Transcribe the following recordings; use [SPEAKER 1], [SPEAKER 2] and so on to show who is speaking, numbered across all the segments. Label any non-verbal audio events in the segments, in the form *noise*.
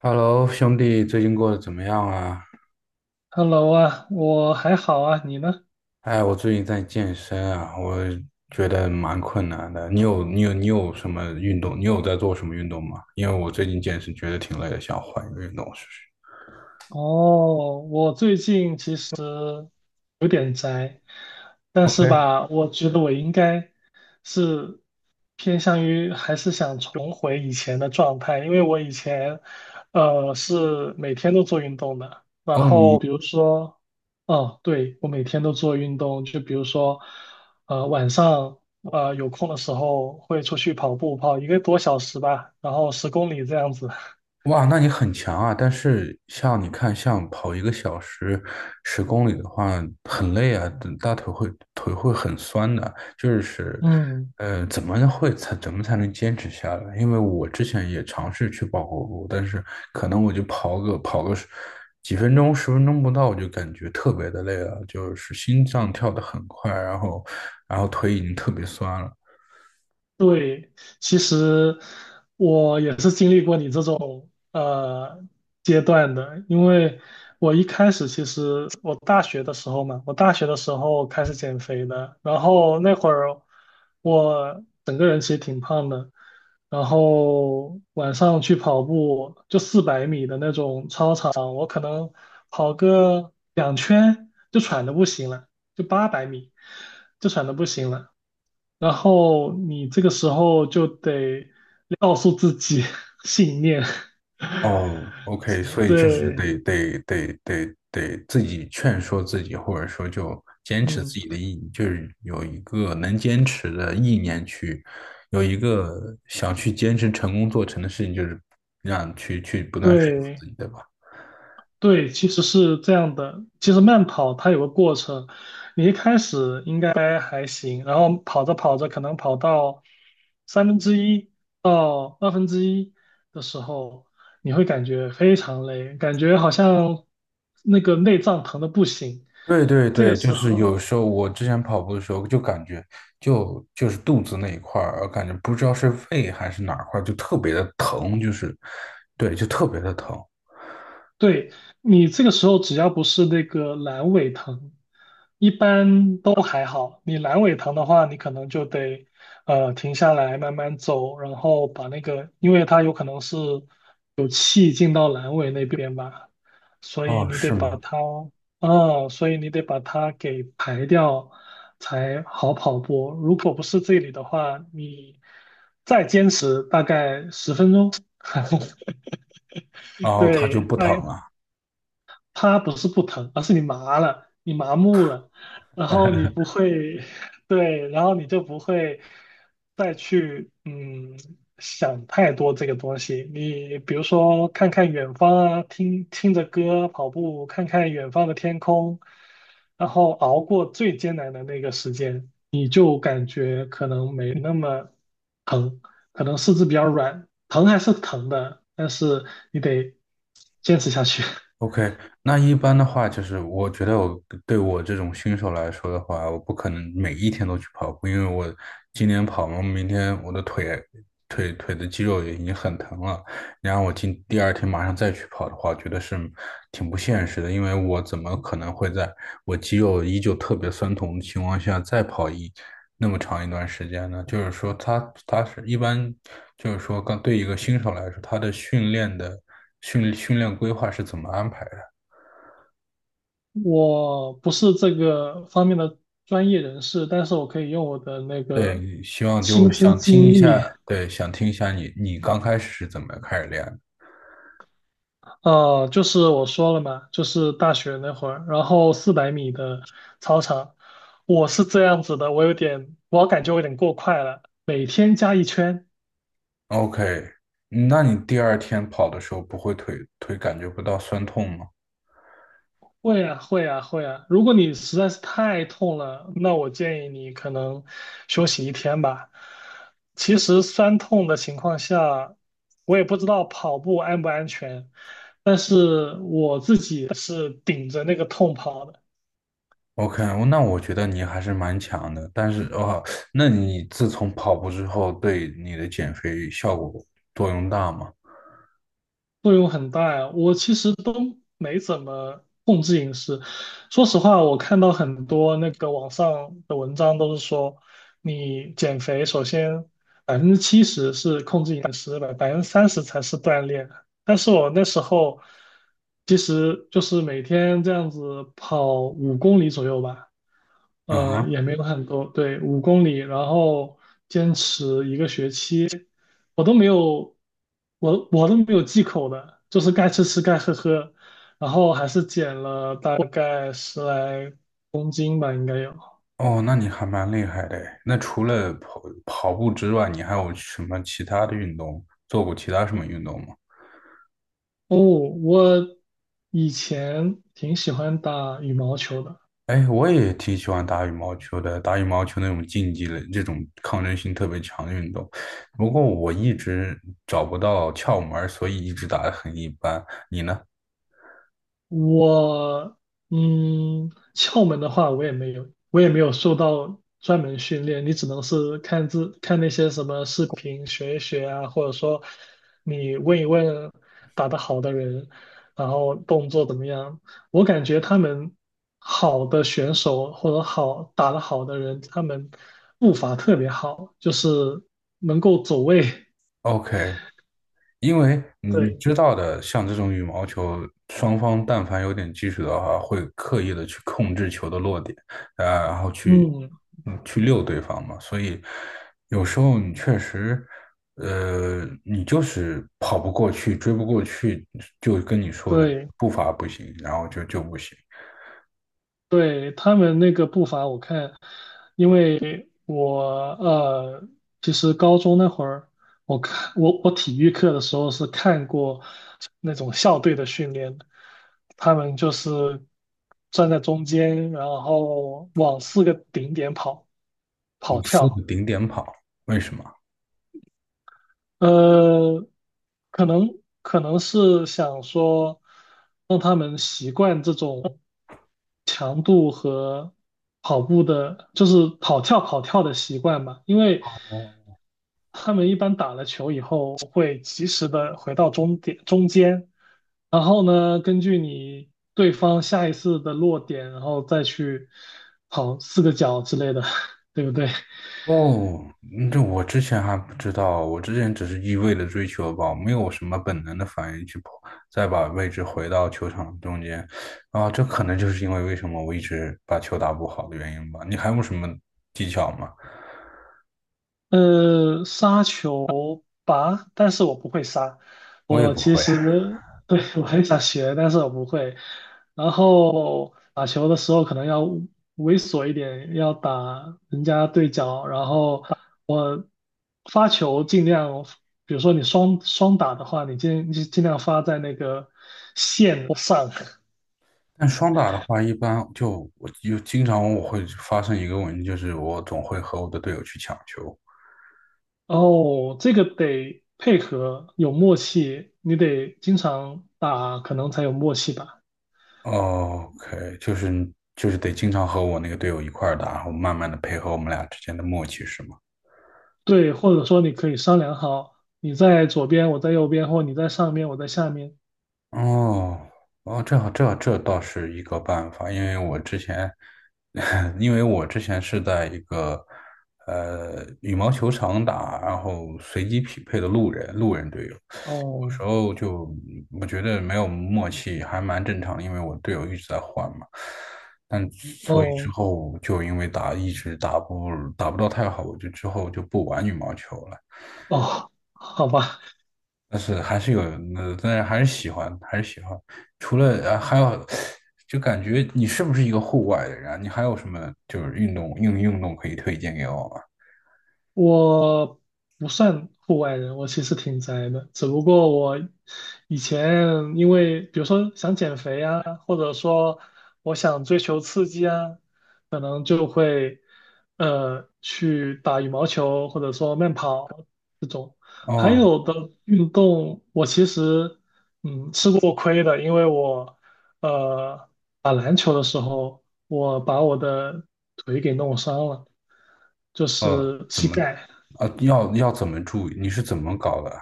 [SPEAKER 1] Hello，兄弟，最近过得怎么样啊？
[SPEAKER 2] Hello 啊，我还好啊，你呢？
[SPEAKER 1] 哎，我最近在健身啊，我觉得蛮困难的。你有什么运动？你有在做什么运动吗？因为我最近健身觉得挺累的，想换一个运动试试。
[SPEAKER 2] 哦，我最近其实有点宅，但是
[SPEAKER 1] OK。
[SPEAKER 2] 吧，我觉得我应该是偏向于还是想重回以前的状态，因为我以前是每天都做运动的，然
[SPEAKER 1] 哦，
[SPEAKER 2] 后
[SPEAKER 1] 你
[SPEAKER 2] 比如说。哦，对，我每天都做运动，就比如说，晚上有空的时候会出去跑步，跑一个多小时吧，然后10公里这样子。*laughs*
[SPEAKER 1] 哇，那你很强啊！但是像你看，像跑一个小时十公里的话，很累啊，大腿会腿会很酸的。就是，
[SPEAKER 2] 嗯，
[SPEAKER 1] 怎么才能坚持下来？因为我之前也尝试去跑过步，但是可能我就跑个十几分钟、十分钟不到，我就感觉特别的累了，就是心脏跳得很快，然后腿已经特别酸了。
[SPEAKER 2] 对，其实我也是经历过你这种阶段的，因为我一开始其实我大学的时候嘛，我大学的时候开始减肥的，然后那会儿我整个人其实挺胖的，然后晚上去跑步就四百米的那种操场，我可能跑个2圈就喘的不行了，就800米就喘的不行了。然后你这个时候就得告诉自己 *laughs* 信念。
[SPEAKER 1] 哦，OK，
[SPEAKER 2] *laughs*
[SPEAKER 1] 所以就嗯是
[SPEAKER 2] 对。
[SPEAKER 1] 得自己劝说自己，或者说就坚持
[SPEAKER 2] 嗯，
[SPEAKER 1] 自己的意，就是有一个能坚持的意念去，有一个想去坚持成功做成的事情，就是让去不断说服
[SPEAKER 2] 对
[SPEAKER 1] 自己，对吧？
[SPEAKER 2] 对，其实是这样的。其实慢跑它有个过程，你一开始应该还行，然后跑着跑着，可能跑到1/3到1/2的时候，你会感觉非常累，感觉好像那个内脏疼的不行。
[SPEAKER 1] 对对
[SPEAKER 2] 这个
[SPEAKER 1] 对，就
[SPEAKER 2] 时
[SPEAKER 1] 是
[SPEAKER 2] 候，
[SPEAKER 1] 有时候我之前跑步的时候就感觉就是肚子那一块儿，我感觉不知道是胃还是哪儿块儿，就特别的疼，就是对，就特别的疼。
[SPEAKER 2] 对，你这个时候只要不是那个阑尾疼，一般都还好。你阑尾疼的话，你可能就得停下来慢慢走，然后把那个，因为它有可能是气进到阑尾那边吧，所以
[SPEAKER 1] 哦，
[SPEAKER 2] 你得
[SPEAKER 1] 是
[SPEAKER 2] 把
[SPEAKER 1] 吗？
[SPEAKER 2] 它，嗯，所以你得把它给排掉才好跑步。如果不是这里的话，你再坚持大概10分钟。*laughs*
[SPEAKER 1] 然后它就
[SPEAKER 2] 对。
[SPEAKER 1] 不
[SPEAKER 2] 大
[SPEAKER 1] 疼了。
[SPEAKER 2] 它不是不疼，而是你麻了，你麻木了，然后你不
[SPEAKER 1] *laughs*
[SPEAKER 2] 会，*laughs* 对，然后你就不会再去想太多这个东西。你比如说看看远方啊，听听着歌跑步，看看远方的天空，然后熬过最艰难的那个时间，你就感觉可能没那么疼，可能四肢比较软，疼还是疼的，但是你得坚持下去。*laughs*
[SPEAKER 1] OK，那一般的话，就是我觉得我对我这种新手来说的话，我不可能每一天都去跑步，因为我今天跑嘛，明天我的腿的肌肉也已经很疼了，然后我今第二天马上再去跑的话，觉得是挺不现实的，因为我怎么可能会在我肌肉依旧特别酸痛的情况下再跑一那么长一段时间呢？就是说他，他是一般，就是说，刚对一个新手来说，他的训练的训练规划是怎么安排的？
[SPEAKER 2] 我不是这个方面的专业人士，但是我可以用我的那个
[SPEAKER 1] 对，希望就
[SPEAKER 2] 亲身
[SPEAKER 1] 想听
[SPEAKER 2] 经
[SPEAKER 1] 一
[SPEAKER 2] 历，
[SPEAKER 1] 下，对，想听一下你刚开始是怎么开始练的
[SPEAKER 2] 就是我说了嘛，就是大学那会儿，然后四百米的操场，我是这样子的，我有点，我感觉我有点过快了，每天加一圈。
[SPEAKER 1] ？OK，那你第二天跑的时候不会腿感觉不到酸痛吗
[SPEAKER 2] 会呀，会呀，会呀。如果你实在是太痛了，那我建议你可能休息一天吧。其实酸痛的情况下，我也不知道跑步安不安全，但是我自己是顶着那个痛跑的。
[SPEAKER 1] ？OK，那我觉得你还是蛮强的，但是哦，那你自从跑步之后，对你的减肥效果作用大吗？
[SPEAKER 2] 作用很大呀，我其实都没怎么控制饮食。说实话，我看到很多那个网上的文章都是说，你减肥首先70%是控制饮食的，30%才是锻炼。但是我那时候其实就是每天这样子跑五公里左右吧，
[SPEAKER 1] 啊哼。
[SPEAKER 2] 也没有很多，对，五公里，然后坚持一个学期。我都没有，我都没有忌口的，就是该吃吃，该喝喝，然后还是减了大概10来斤吧，应该有。
[SPEAKER 1] 哦，那你还蛮厉害的诶那除了跑步之外，你还有什么其他的运动？做过其他什么运动吗？
[SPEAKER 2] 哦，我以前挺喜欢打羽毛球的。
[SPEAKER 1] 哎，我也挺喜欢打羽毛球的，打羽毛球那种竞技类，这种抗争性特别强的运动。不过我一直找不到窍门儿所以一直打得很一般。你呢
[SPEAKER 2] 我窍门的话，我也没有，我也没有受到专门训练，你只能是看那些什么视频学一学啊，或者说你问一问打得好的人，然后动作怎么样。我感觉他们好的选手或者打得好的人，他们步伐特别好，就是能够走位。*laughs*
[SPEAKER 1] ？OK，因为你
[SPEAKER 2] 对。
[SPEAKER 1] 知道的，像这种羽毛球，双方但凡有点技术的话，会刻意的去控制球的落点，啊，然后去
[SPEAKER 2] 嗯，
[SPEAKER 1] 去溜对方嘛。所以有时候你确实，你就是跑不过去，追不过去，就跟你说的
[SPEAKER 2] 对。
[SPEAKER 1] 步伐不行，然后就不行，
[SPEAKER 2] 对，他们那个步伐，我看，因为我呃，其实高中那会儿，我看我体育课的时候是看过那种校队的训练的，他们就是站在中间，然后往四个顶点跑
[SPEAKER 1] 我
[SPEAKER 2] 跑
[SPEAKER 1] 四个
[SPEAKER 2] 跳。
[SPEAKER 1] 顶点跑，为什么？
[SPEAKER 2] 呃，可能是想说让他们习惯这种强度和跑步的，就是跑跳跑跳的习惯嘛，因为他们一般打了球以后会及时的回到终点中间，然后呢，根据你对方下一次的落点，然后再去跑四个角之类的，*laughs* 对不对？
[SPEAKER 1] 哦，嗯这我之前还不知道，我之前只是一味的追求吧，没有什么本能的反应去跑，再把位置回到球场中间，啊，这可能就是因为为什么我一直把球打不好的原因吧。你还有什么技巧吗？
[SPEAKER 2] 杀球吧，但是我不会杀。
[SPEAKER 1] 我也
[SPEAKER 2] 我
[SPEAKER 1] 不
[SPEAKER 2] 其
[SPEAKER 1] 会。
[SPEAKER 2] 实 *laughs* 对，我很想学，但是我不会。然后打球的时候可能要猥琐一点，要打人家对角。然后我发球尽量，比如说你双打的话，你尽量发在那个线上。
[SPEAKER 1] 但双打的话，一般就我就经常我会发生一个问题，就是我总会和我的队友去抢球。
[SPEAKER 2] 哦，这个得配合，有默契，你得经常打，可能才有默契吧。
[SPEAKER 1] 哦 OK，就是就是得经常和我那个队友一块儿打，然后慢慢的配合我们俩之间的默契，是吗？
[SPEAKER 2] 对，或者说你可以商量好，你在左边，我在右边，或你在上面，我在下面。
[SPEAKER 1] 哦哦，这倒是一个办法，因为我之前，*laughs* 因为我之前是在一个羽毛球场打，然后随机匹配的路人队友，有时
[SPEAKER 2] 哦
[SPEAKER 1] 候就我觉得没有默契还蛮正常的，因为我队友一直在换嘛，但所以之
[SPEAKER 2] 哦
[SPEAKER 1] 后就因为打一直打不到太好，我就之后就不玩羽毛球了。
[SPEAKER 2] 哦，好吧。
[SPEAKER 1] 但是还是有，那但是还是喜欢，还是喜欢。除了还有，就感觉你是不是一个户外的人啊？你还有什么就是运动运动可以推荐给我吗？
[SPEAKER 2] 我不算户外人，我其实挺宅的。只不过我以前因为，比如说想减肥啊，或者说我想追求刺激啊，可能就会去打羽毛球，或者说慢跑这种。还
[SPEAKER 1] 哦，
[SPEAKER 2] 有的运动，我其实吃过亏的，因为我呃打篮球的时候，我把我的腿给弄伤了。就是
[SPEAKER 1] 怎
[SPEAKER 2] 膝
[SPEAKER 1] 么，
[SPEAKER 2] 盖。
[SPEAKER 1] 要怎么注意？你是怎么搞的啊？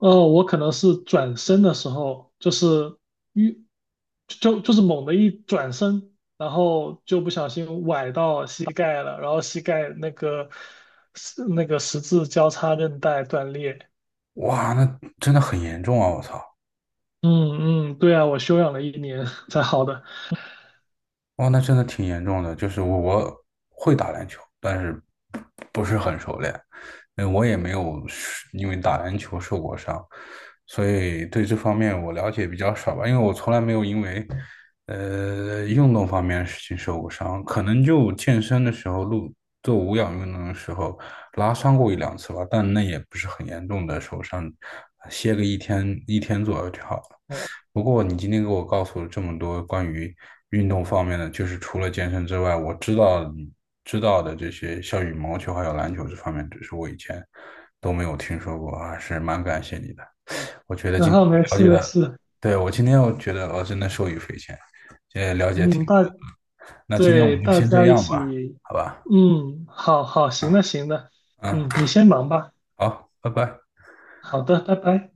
[SPEAKER 2] 我可能是转身的时候，就是一就是猛的一转身，然后就不小心崴到膝盖了，然后膝盖那个十字交叉韧带断裂。
[SPEAKER 1] 哇，那真的很严重啊！我操。
[SPEAKER 2] 嗯嗯，对啊，我休养了一年才好的。
[SPEAKER 1] 哦，那真的挺严重的。就是我会打篮球，但是不是很熟练。我也没有是因为打篮球受过伤，所以对这方面我了解比较少吧。因为我从来没有因为运动方面的事情受过伤，可能就健身的时候录做无氧运动的时候拉伤过一两次吧，但那也不是很严重的受伤，歇个一天左右就好了。不过你今天给我告诉了这么多关于运动方面的，就是除了健身之外，我知道的这些，像羽毛球还有篮球这方面，只是我以前都没有听说过啊，还是蛮感谢你的。我觉得
[SPEAKER 2] 然
[SPEAKER 1] 今天
[SPEAKER 2] 后没
[SPEAKER 1] 了
[SPEAKER 2] 事
[SPEAKER 1] 解
[SPEAKER 2] 没
[SPEAKER 1] 的，
[SPEAKER 2] 事。
[SPEAKER 1] 对，我今天我觉得我真的受益匪浅，这了解挺
[SPEAKER 2] 嗯，
[SPEAKER 1] 多。那今天我
[SPEAKER 2] 对
[SPEAKER 1] 们就
[SPEAKER 2] 大
[SPEAKER 1] 先这
[SPEAKER 2] 家一
[SPEAKER 1] 样
[SPEAKER 2] 起，
[SPEAKER 1] 吧，好吧？
[SPEAKER 2] 嗯，好好，行
[SPEAKER 1] 嗯
[SPEAKER 2] 的行的，
[SPEAKER 1] 嗯，
[SPEAKER 2] 嗯，你先忙吧。
[SPEAKER 1] 好，拜拜。
[SPEAKER 2] 好的，拜拜。